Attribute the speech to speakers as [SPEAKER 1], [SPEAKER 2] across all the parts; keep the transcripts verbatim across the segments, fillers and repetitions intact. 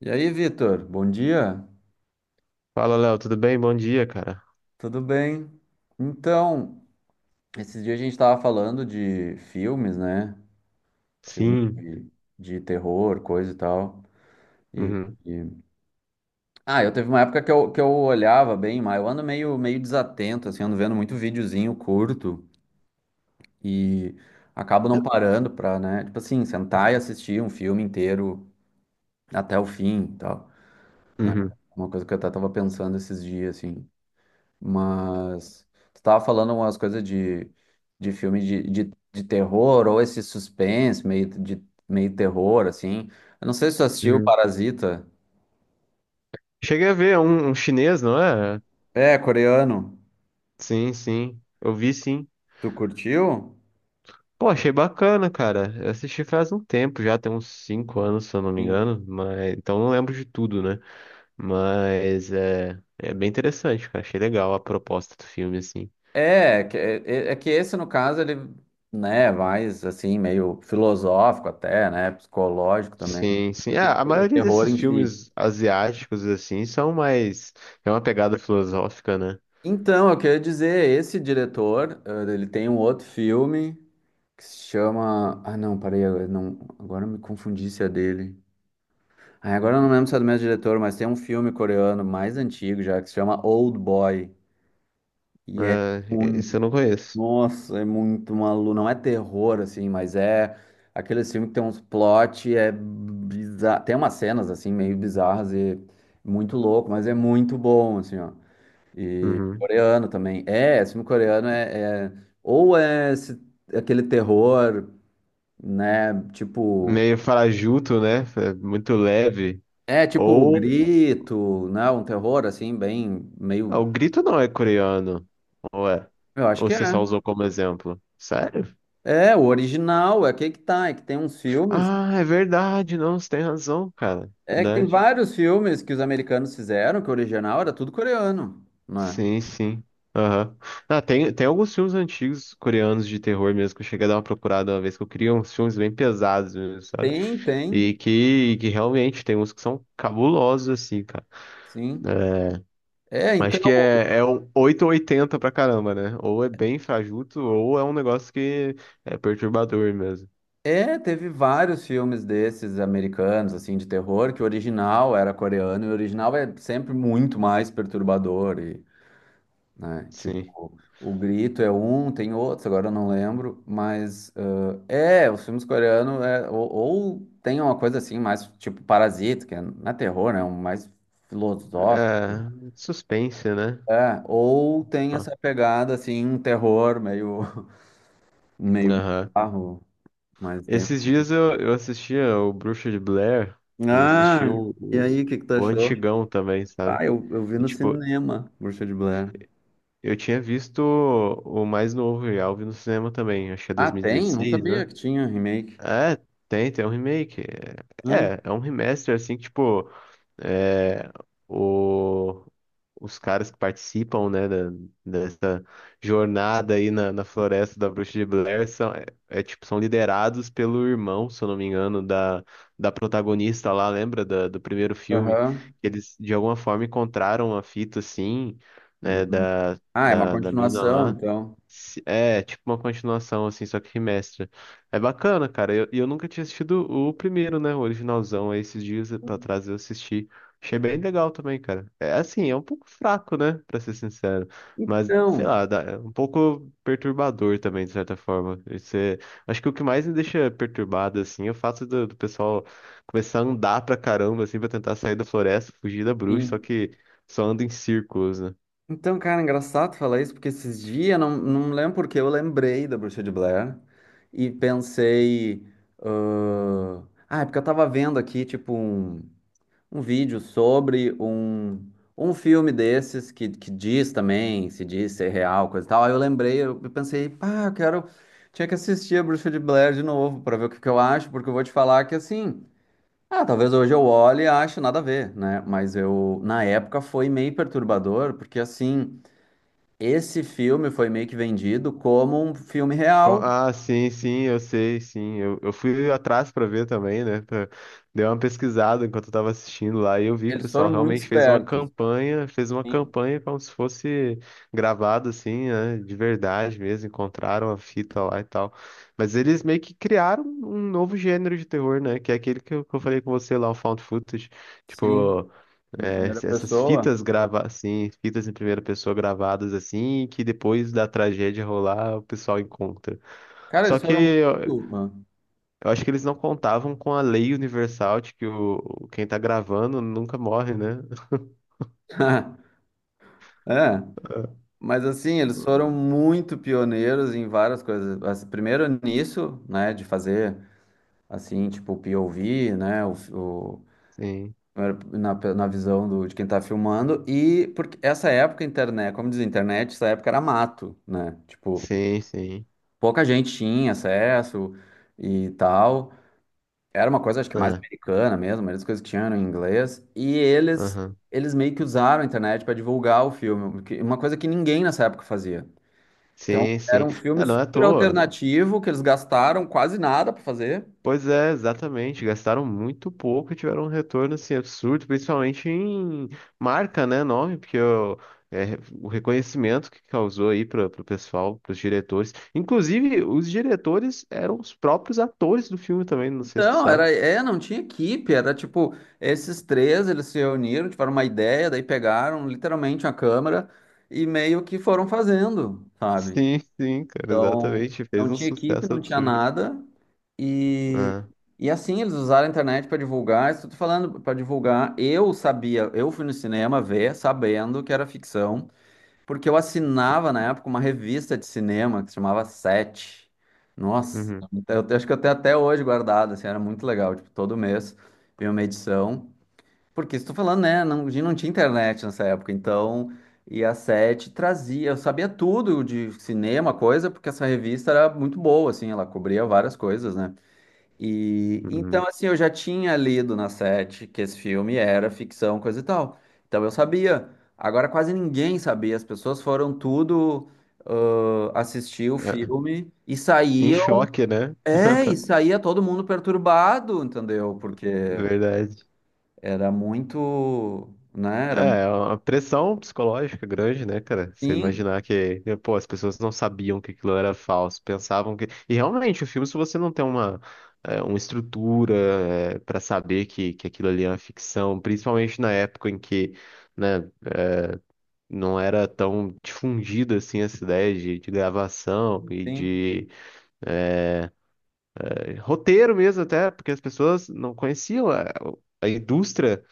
[SPEAKER 1] E aí, Vitor, bom dia?
[SPEAKER 2] Fala, Léo, tudo bem? Bom dia, cara.
[SPEAKER 1] Tudo bem? Então, esses dias a gente estava falando de filmes, né? Filme
[SPEAKER 2] Sim.
[SPEAKER 1] de, de terror, coisa e tal. E,
[SPEAKER 2] Uhum,
[SPEAKER 1] e- Ah, eu teve uma época que eu, que eu olhava bem, mas eu ando meio, meio desatento, assim, ando vendo muito videozinho curto e acabo não parando pra, né? Tipo assim, sentar e assistir um filme inteiro até o fim e tal, né?
[SPEAKER 2] uhum,
[SPEAKER 1] Uma coisa que eu até tava pensando esses dias, assim. Mas tu tava falando umas coisas de, de filme de, de, de terror, ou esse suspense, meio de meio terror, assim. Eu não sei se tu assistiu
[SPEAKER 2] uhum.
[SPEAKER 1] Parasita.
[SPEAKER 2] Cheguei a ver é um, um chinês, não é?
[SPEAKER 1] É, coreano.
[SPEAKER 2] Sim, sim. Eu vi sim.
[SPEAKER 1] Tu curtiu?
[SPEAKER 2] Pô, achei bacana, cara. Eu assisti faz um tempo já, tem uns cinco anos, se eu não me
[SPEAKER 1] Sim.
[SPEAKER 2] engano. Mas... então não lembro de tudo, né? Mas é, é bem interessante, cara. Achei legal a proposta do filme, assim.
[SPEAKER 1] É, é, que- é é é que esse, no caso, ele, né, é mais assim, meio filosófico até, né? Psicológico também,
[SPEAKER 2] Sim, sim.
[SPEAKER 1] do
[SPEAKER 2] É,
[SPEAKER 1] que
[SPEAKER 2] a maioria
[SPEAKER 1] terror
[SPEAKER 2] desses
[SPEAKER 1] em si.
[SPEAKER 2] filmes asiáticos, assim, são mais. É uma pegada filosófica, né?
[SPEAKER 1] Então, eu queria dizer, esse diretor, eh, ele tem um outro filme que se chama. Ah, não, parei, agora não, agora eu me confundi se é dele. Ah, agora eu não lembro se é do mesmo diretor, mas tem um filme coreano mais antigo já que se chama Old Boy. E é
[SPEAKER 2] É,
[SPEAKER 1] muito.
[SPEAKER 2] esse eu não conheço.
[SPEAKER 1] Nossa, é muito maluco. Não é terror, assim, mas é aquele filme que tem uns plot, é bizarro. Tem umas cenas, assim, meio bizarras e muito louco, mas é muito bom, assim, ó.
[SPEAKER 2] Uhum.
[SPEAKER 1] Coreano também. É, esse filme coreano é, é- Ou é esse aquele terror, né? Tipo,
[SPEAKER 2] Meio farajuto, né? É muito leve.
[SPEAKER 1] é tipo o
[SPEAKER 2] Ou
[SPEAKER 1] Grito, né? Um terror assim, bem
[SPEAKER 2] ah,
[SPEAKER 1] meio.
[SPEAKER 2] o grito não é coreano. Ou é?
[SPEAKER 1] Eu acho
[SPEAKER 2] Ou
[SPEAKER 1] que é.
[SPEAKER 2] você só usou como exemplo? Sério?
[SPEAKER 1] É, o original, é que é que tá, é que tem uns filmes.
[SPEAKER 2] Ah, é verdade, não, você tem razão, cara.
[SPEAKER 1] É que tem
[SPEAKER 2] Verdade.
[SPEAKER 1] vários filmes que os americanos fizeram, que o original era tudo coreano, né?
[SPEAKER 2] Sim, sim. Aham. Ah, tem, tem alguns filmes antigos coreanos de terror mesmo que eu cheguei a dar uma procurada uma vez, que eu queria uns filmes bem pesados mesmo, sabe?
[SPEAKER 1] Tem, tem,
[SPEAKER 2] E que, que realmente tem uns que são cabulosos, assim, cara.
[SPEAKER 1] sim. É,
[SPEAKER 2] Mas
[SPEAKER 1] então,
[SPEAKER 2] que é, é um oito ou oitenta pra caramba, né? Ou é bem fajuto, ou é um negócio que é perturbador mesmo.
[SPEAKER 1] é, teve vários filmes desses americanos, assim, de terror, que o original era coreano, e o original é sempre muito mais perturbador, né?
[SPEAKER 2] Sim.
[SPEAKER 1] Tipo, o Grito é um, tem outros, agora eu não lembro, mas ãh, é, os filmes coreanos é, ou, ou tem uma coisa assim, mais tipo Parasita, que é, não é terror, né? É um mais filosófico,
[SPEAKER 2] É, suspense, né?
[SPEAKER 1] é, ou tem
[SPEAKER 2] Pá.
[SPEAKER 1] essa pegada assim, um terror meio, meio
[SPEAKER 2] Aham.
[SPEAKER 1] bizarro, mas tem.
[SPEAKER 2] Esses dias eu, eu assistia o Bruxa de Blair e assisti
[SPEAKER 1] Ah,
[SPEAKER 2] o,
[SPEAKER 1] e
[SPEAKER 2] o,
[SPEAKER 1] aí, o que que tu
[SPEAKER 2] o
[SPEAKER 1] achou?
[SPEAKER 2] antigão também,
[SPEAKER 1] Ah,
[SPEAKER 2] sabe?
[SPEAKER 1] eu, eu vi
[SPEAKER 2] E,
[SPEAKER 1] no
[SPEAKER 2] tipo,
[SPEAKER 1] cinema, Bruxa de Blair.
[SPEAKER 2] eu tinha visto o, o mais novo e Alvin no cinema também, acho que é
[SPEAKER 1] Ah, tem? Não
[SPEAKER 2] dois mil e dezesseis, né?
[SPEAKER 1] sabia que tinha remake.
[SPEAKER 2] É, tem, tem um remake.
[SPEAKER 1] Hum.
[SPEAKER 2] É, é um remaster, assim, que, tipo. É, o, os caras que participam, né, da- dessa jornada aí na, na floresta da Bruxa de Blair são, é, é, tipo, são liderados pelo irmão, se eu não me engano, da, da protagonista lá, lembra da- do primeiro filme?
[SPEAKER 1] Aham.
[SPEAKER 2] Eles, de alguma forma, encontraram a fita, assim,
[SPEAKER 1] Hum,
[SPEAKER 2] né,
[SPEAKER 1] hum.
[SPEAKER 2] da,
[SPEAKER 1] Ah, é uma
[SPEAKER 2] da, da mina
[SPEAKER 1] continuação,
[SPEAKER 2] lá.
[SPEAKER 1] então.
[SPEAKER 2] Se- É, tipo uma continuação, assim, só que remestra. É bacana, cara. E eu, e eu nunca tinha assistido o primeiro, né? O originalzão. Aí esses dias pra trás eu assisti. Achei bem legal também, cara. É assim, é um pouco fraco, né? Pra ser sincero. Mas, sei
[SPEAKER 1] Então,
[SPEAKER 2] lá, dá- é um pouco perturbador também, de certa forma. Isso é- acho que o que mais me deixa perturbado, assim, é o fato do, do pessoal começar a andar pra caramba, assim, pra tentar sair da floresta, fugir da bruxa, só
[SPEAKER 1] sim.
[SPEAKER 2] que só anda em círculos, né?
[SPEAKER 1] Então, cara, é engraçado falar isso, porque esses dias, não, não lembro porque eu lembrei da Bruxa de Blair e pensei, ah, ah, é porque eu tava vendo aqui, tipo, um, um vídeo sobre um, um filme desses que, que diz também, se diz ser real, coisa e tal. Aí eu lembrei, eu eu pensei, pá, eu quero. Tinha que assistir a Bruxa de Blair de novo pra ver o que que eu acho, porque eu vou te falar que assim. Ah, talvez hoje eu olhe e ache nada a ver, né? Mas eu, na época, foi meio perturbador, porque assim, esse filme foi meio que vendido como um filme
[SPEAKER 2] Co-
[SPEAKER 1] real.
[SPEAKER 2] Ah, sim, sim, eu sei, sim. Eu, eu fui atrás pra ver também, né? pra- Dei uma pesquisada enquanto eu tava assistindo lá e eu vi que o
[SPEAKER 1] Eles
[SPEAKER 2] pessoal
[SPEAKER 1] foram muito
[SPEAKER 2] realmente fez uma
[SPEAKER 1] espertos.
[SPEAKER 2] campanha, fez uma
[SPEAKER 1] Sim,
[SPEAKER 2] campanha como se fosse gravado assim, né? De verdade mesmo, encontraram a fita lá e tal. Mas eles meio que criaram um novo gênero de terror, né? Que é aquele que eu, que eu falei com você lá, o found footage.
[SPEAKER 1] sim,
[SPEAKER 2] Tipo,
[SPEAKER 1] em
[SPEAKER 2] é,
[SPEAKER 1] primeira
[SPEAKER 2] essas
[SPEAKER 1] pessoa.
[SPEAKER 2] fitas gravadas, assim, fitas em primeira pessoa gravadas assim, que depois da tragédia rolar, o pessoal encontra.
[SPEAKER 1] Cara,
[SPEAKER 2] Só
[SPEAKER 1] eles
[SPEAKER 2] que
[SPEAKER 1] foram
[SPEAKER 2] eu,
[SPEAKER 1] muito.
[SPEAKER 2] eu acho que eles não contavam com a lei universal de que o, quem tá gravando nunca morre, né?
[SPEAKER 1] É, mas assim, eles foram muito pioneiros em várias coisas. Assim, primeiro nisso, né, de fazer assim, tipo, o P O V, né, o,
[SPEAKER 2] Sim,
[SPEAKER 1] era na, pe- na visão do, de quem tá filmando, e porque essa época, internet, como diz a internet, essa época era mato, né? Tipo,
[SPEAKER 2] sim, sim.
[SPEAKER 1] pouca gente tinha acesso e tal. Era uma coisa, acho que mais
[SPEAKER 2] Ah,
[SPEAKER 1] americana mesmo, a maioria das coisas que tinham eram em inglês. E eles,
[SPEAKER 2] aham.
[SPEAKER 1] eles meio que usaram a internet para divulgar o filme, o que- uma coisa que ninguém nessa época fazia. Então,
[SPEAKER 2] Sim,
[SPEAKER 1] era
[SPEAKER 2] sim.
[SPEAKER 1] um
[SPEAKER 2] Ah,
[SPEAKER 1] filme
[SPEAKER 2] não é à
[SPEAKER 1] super
[SPEAKER 2] toa.
[SPEAKER 1] alternativo, que eles gastaram quase nada para fazer.
[SPEAKER 2] Pois é, exatamente. Gastaram muito pouco e tiveram um retorno assim, absurdo, principalmente em marca, né? Nome, porque o, é, o reconhecimento que causou aí para o pessoal, para os diretores. Inclusive, os diretores eram os próprios atores do filme também, não sei se tu
[SPEAKER 1] Não,
[SPEAKER 2] sabe.
[SPEAKER 1] era, é, não tinha equipe, era tipo, esses três, eles se reuniram, tiveram uma ideia, daí pegaram literalmente a câmera e meio que foram fazendo, sabe?
[SPEAKER 2] Sim, sim, cara,
[SPEAKER 1] Então,
[SPEAKER 2] exatamente. Fez
[SPEAKER 1] não
[SPEAKER 2] um
[SPEAKER 1] tinha equipe,
[SPEAKER 2] sucesso
[SPEAKER 1] não tinha
[SPEAKER 2] absurdo.
[SPEAKER 1] nada, e,
[SPEAKER 2] Ah,
[SPEAKER 1] e assim, eles usaram a internet para divulgar, isso eu tô falando para divulgar, eu sabia, eu fui no cinema ver, sabendo que era ficção, porque eu assinava na época uma revista de cinema que se chamava Sete. Nossa,
[SPEAKER 2] uhum,
[SPEAKER 1] eu acho que eu tenho até hoje guardado, assim, era muito legal. Tipo, todo mês vinha uma edição. Porque estou falando, né? Não, a gente não tinha internet nessa época, então. E a Sete trazia, eu sabia tudo de cinema, coisa, porque essa revista era muito boa, assim, ela cobria várias coisas, né? E
[SPEAKER 2] uhum.
[SPEAKER 1] então, assim, eu já tinha lido na Sete que esse filme era ficção, coisa e tal. Então eu sabia. Agora quase ninguém sabia. As pessoas foram tudo ãh, assistir o
[SPEAKER 2] É,
[SPEAKER 1] filme e
[SPEAKER 2] em
[SPEAKER 1] saíam.
[SPEAKER 2] choque, né?
[SPEAKER 1] É, e saía todo mundo perturbado, entendeu? Porque
[SPEAKER 2] Verdade.
[SPEAKER 1] era muito, né? Era
[SPEAKER 2] É, é uma pressão psicológica grande, né, cara? Você
[SPEAKER 1] sim,
[SPEAKER 2] imaginar que, pô, as pessoas não sabiam que aquilo era falso, pensavam que. E realmente, o filme, se você não tem uma, é, uma estrutura, é, para saber que, que aquilo ali é uma ficção, principalmente na época em que, né, não era tão difundida assim essa ideia de, de gravação e
[SPEAKER 1] sim.
[SPEAKER 2] de roteiro mesmo até, porque as pessoas não conheciam a, a indústria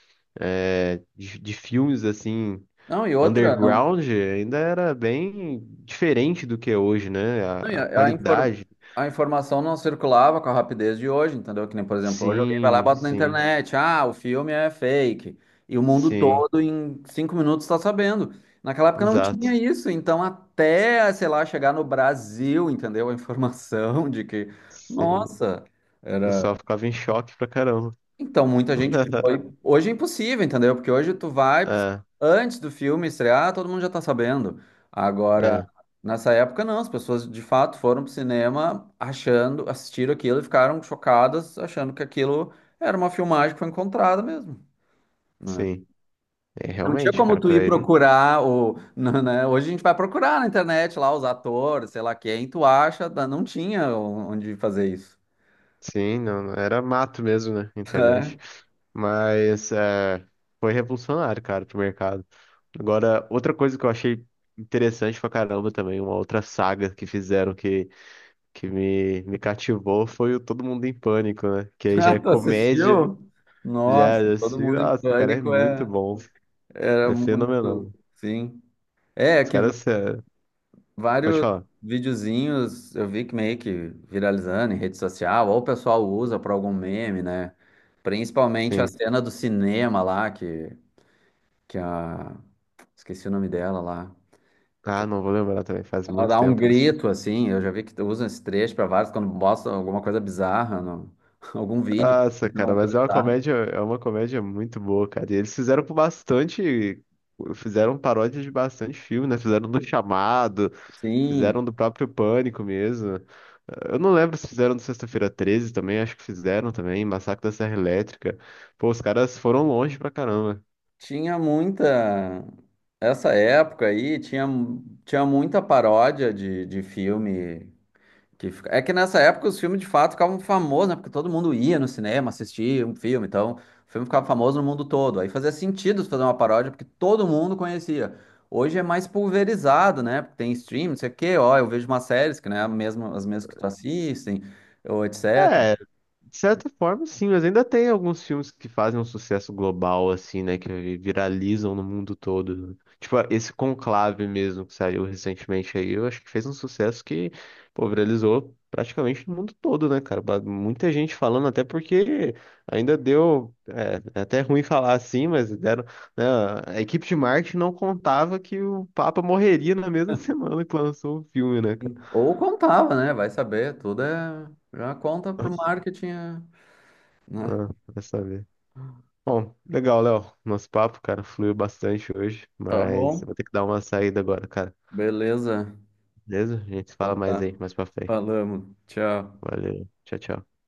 [SPEAKER 2] é, de, de filmes assim
[SPEAKER 1] Não, e outra, não.
[SPEAKER 2] underground ainda era bem diferente do que é hoje, né? A,
[SPEAKER 1] Não, e
[SPEAKER 2] a
[SPEAKER 1] A, a infor-
[SPEAKER 2] qualidade.
[SPEAKER 1] a informação não circulava com a rapidez de hoje, entendeu? Que nem, por exemplo, hoje alguém vai lá e
[SPEAKER 2] Sim,
[SPEAKER 1] bota na
[SPEAKER 2] sim,
[SPEAKER 1] internet, ah, o filme é fake. E o mundo
[SPEAKER 2] sim,
[SPEAKER 1] todo em cinco minutos está sabendo. Naquela época não tinha
[SPEAKER 2] exato.
[SPEAKER 1] isso, então até, sei lá, chegar no Brasil, entendeu? A informação de que,
[SPEAKER 2] Sim. O
[SPEAKER 1] nossa,
[SPEAKER 2] pessoal
[SPEAKER 1] era.
[SPEAKER 2] ficava em choque pra caramba.
[SPEAKER 1] Então, muita gente foi. Hoje é impossível, entendeu? Porque hoje tu vai,
[SPEAKER 2] É,
[SPEAKER 1] antes do filme estrear, todo mundo já tá sabendo. Agora,
[SPEAKER 2] é,
[SPEAKER 1] nessa época, não. As pessoas de fato foram pro cinema achando, assistiram aquilo e ficaram chocadas, achando que aquilo era uma filmagem que foi encontrada mesmo, né?
[SPEAKER 2] sim. É,
[SPEAKER 1] Não tinha
[SPEAKER 2] realmente,
[SPEAKER 1] como
[SPEAKER 2] cara,
[SPEAKER 1] tu ir
[SPEAKER 2] pra ele.
[SPEAKER 1] procurar o, né? Hoje a gente vai procurar na internet lá os atores, sei lá quem, tu acha, não tinha onde fazer isso.
[SPEAKER 2] Sim, não, não- era mato mesmo, né? Internet. Mas é, foi revolucionário, cara, pro mercado. Agora, outra coisa que eu achei interessante pra caramba também, uma outra saga que fizeram que, que me, me cativou foi o Todo Mundo em Pânico, né? Que aí já
[SPEAKER 1] Ah,
[SPEAKER 2] é
[SPEAKER 1] tu
[SPEAKER 2] comédia,
[SPEAKER 1] assistiu? Nossa,
[SPEAKER 2] já, já
[SPEAKER 1] todo
[SPEAKER 2] assim,
[SPEAKER 1] mundo em
[SPEAKER 2] nossa, cara, é
[SPEAKER 1] pânico
[SPEAKER 2] muito
[SPEAKER 1] é,
[SPEAKER 2] bom.
[SPEAKER 1] era
[SPEAKER 2] É fenomenal.
[SPEAKER 1] muito, sim. É, é
[SPEAKER 2] Os
[SPEAKER 1] que v-
[SPEAKER 2] caras, é, pode
[SPEAKER 1] vários
[SPEAKER 2] falar.
[SPEAKER 1] videozinhos eu vi que meio que viralizando em rede social, ou o pessoal usa para algum meme, né? Principalmente a
[SPEAKER 2] Sim.
[SPEAKER 1] cena do cinema lá, que, que a. Esqueci o nome dela lá. Que
[SPEAKER 2] Ah, não vou lembrar também, faz
[SPEAKER 1] ela
[SPEAKER 2] muito
[SPEAKER 1] dá um
[SPEAKER 2] tempo que eu assisti.
[SPEAKER 1] grito, assim. Eu já vi que usam esse trecho para vários quando mostram alguma coisa bizarra, no, algum vídeo,
[SPEAKER 2] Nossa,
[SPEAKER 1] acontecendo
[SPEAKER 2] cara,
[SPEAKER 1] alguma coisa
[SPEAKER 2] mas é uma
[SPEAKER 1] bizarra.
[SPEAKER 2] comédia, é uma comédia muito boa, cara. E eles fizeram com bastante, fizeram paródia de bastante filme, né? Fizeram do Chamado,
[SPEAKER 1] Sim.
[SPEAKER 2] fizeram do próprio Pânico mesmo. Eu não lembro se fizeram do Sexta-feira treze também, acho que fizeram também, Massacre da Serra Elétrica. Pô, os caras foram longe pra caramba.
[SPEAKER 1] Tinha muita. Essa época aí tinha, tinha muita paródia de, de filme. Que... fica- É que nessa época os filmes de fato ficavam famosos, né? Porque todo mundo ia no cinema assistir um filme, então o filme ficava famoso no mundo todo. Aí fazia sentido fazer uma paródia porque todo mundo conhecia. Hoje é mais pulverizado, né? Porque tem stream, não sei o quê, ó, eu vejo umas séries que não é a mesma, as mesmas que tu assistem, ou et cetera.
[SPEAKER 2] É, de certa forma, sim, mas ainda tem alguns filmes que fazem um sucesso global, assim, né? Que viralizam no mundo todo. Né? Tipo, esse Conclave mesmo, que saiu recentemente aí, eu acho que fez um sucesso que, pô, viralizou praticamente no mundo todo, né, cara? Ba- Muita gente falando, até porque ainda deu. É, é até ruim falar assim, mas deram. Né, a equipe de marketing não contava que o Papa morreria na mesma semana que lançou o filme, né, cara?
[SPEAKER 1] Ou contava, né? Vai saber, tudo é. Já conta pro marketing, é, né?
[SPEAKER 2] Ah, vai saber. Bom, legal, Léo. Nosso papo, cara, fluiu bastante hoje,
[SPEAKER 1] Tá
[SPEAKER 2] mas eu
[SPEAKER 1] bom,
[SPEAKER 2] vou ter que dar uma saída agora, cara.
[SPEAKER 1] beleza.
[SPEAKER 2] Beleza? A gente
[SPEAKER 1] Então
[SPEAKER 2] fala mais
[SPEAKER 1] tá,
[SPEAKER 2] aí, mais pra frente.
[SPEAKER 1] falamos. Tchau.
[SPEAKER 2] Valeu. Tchau, tchau.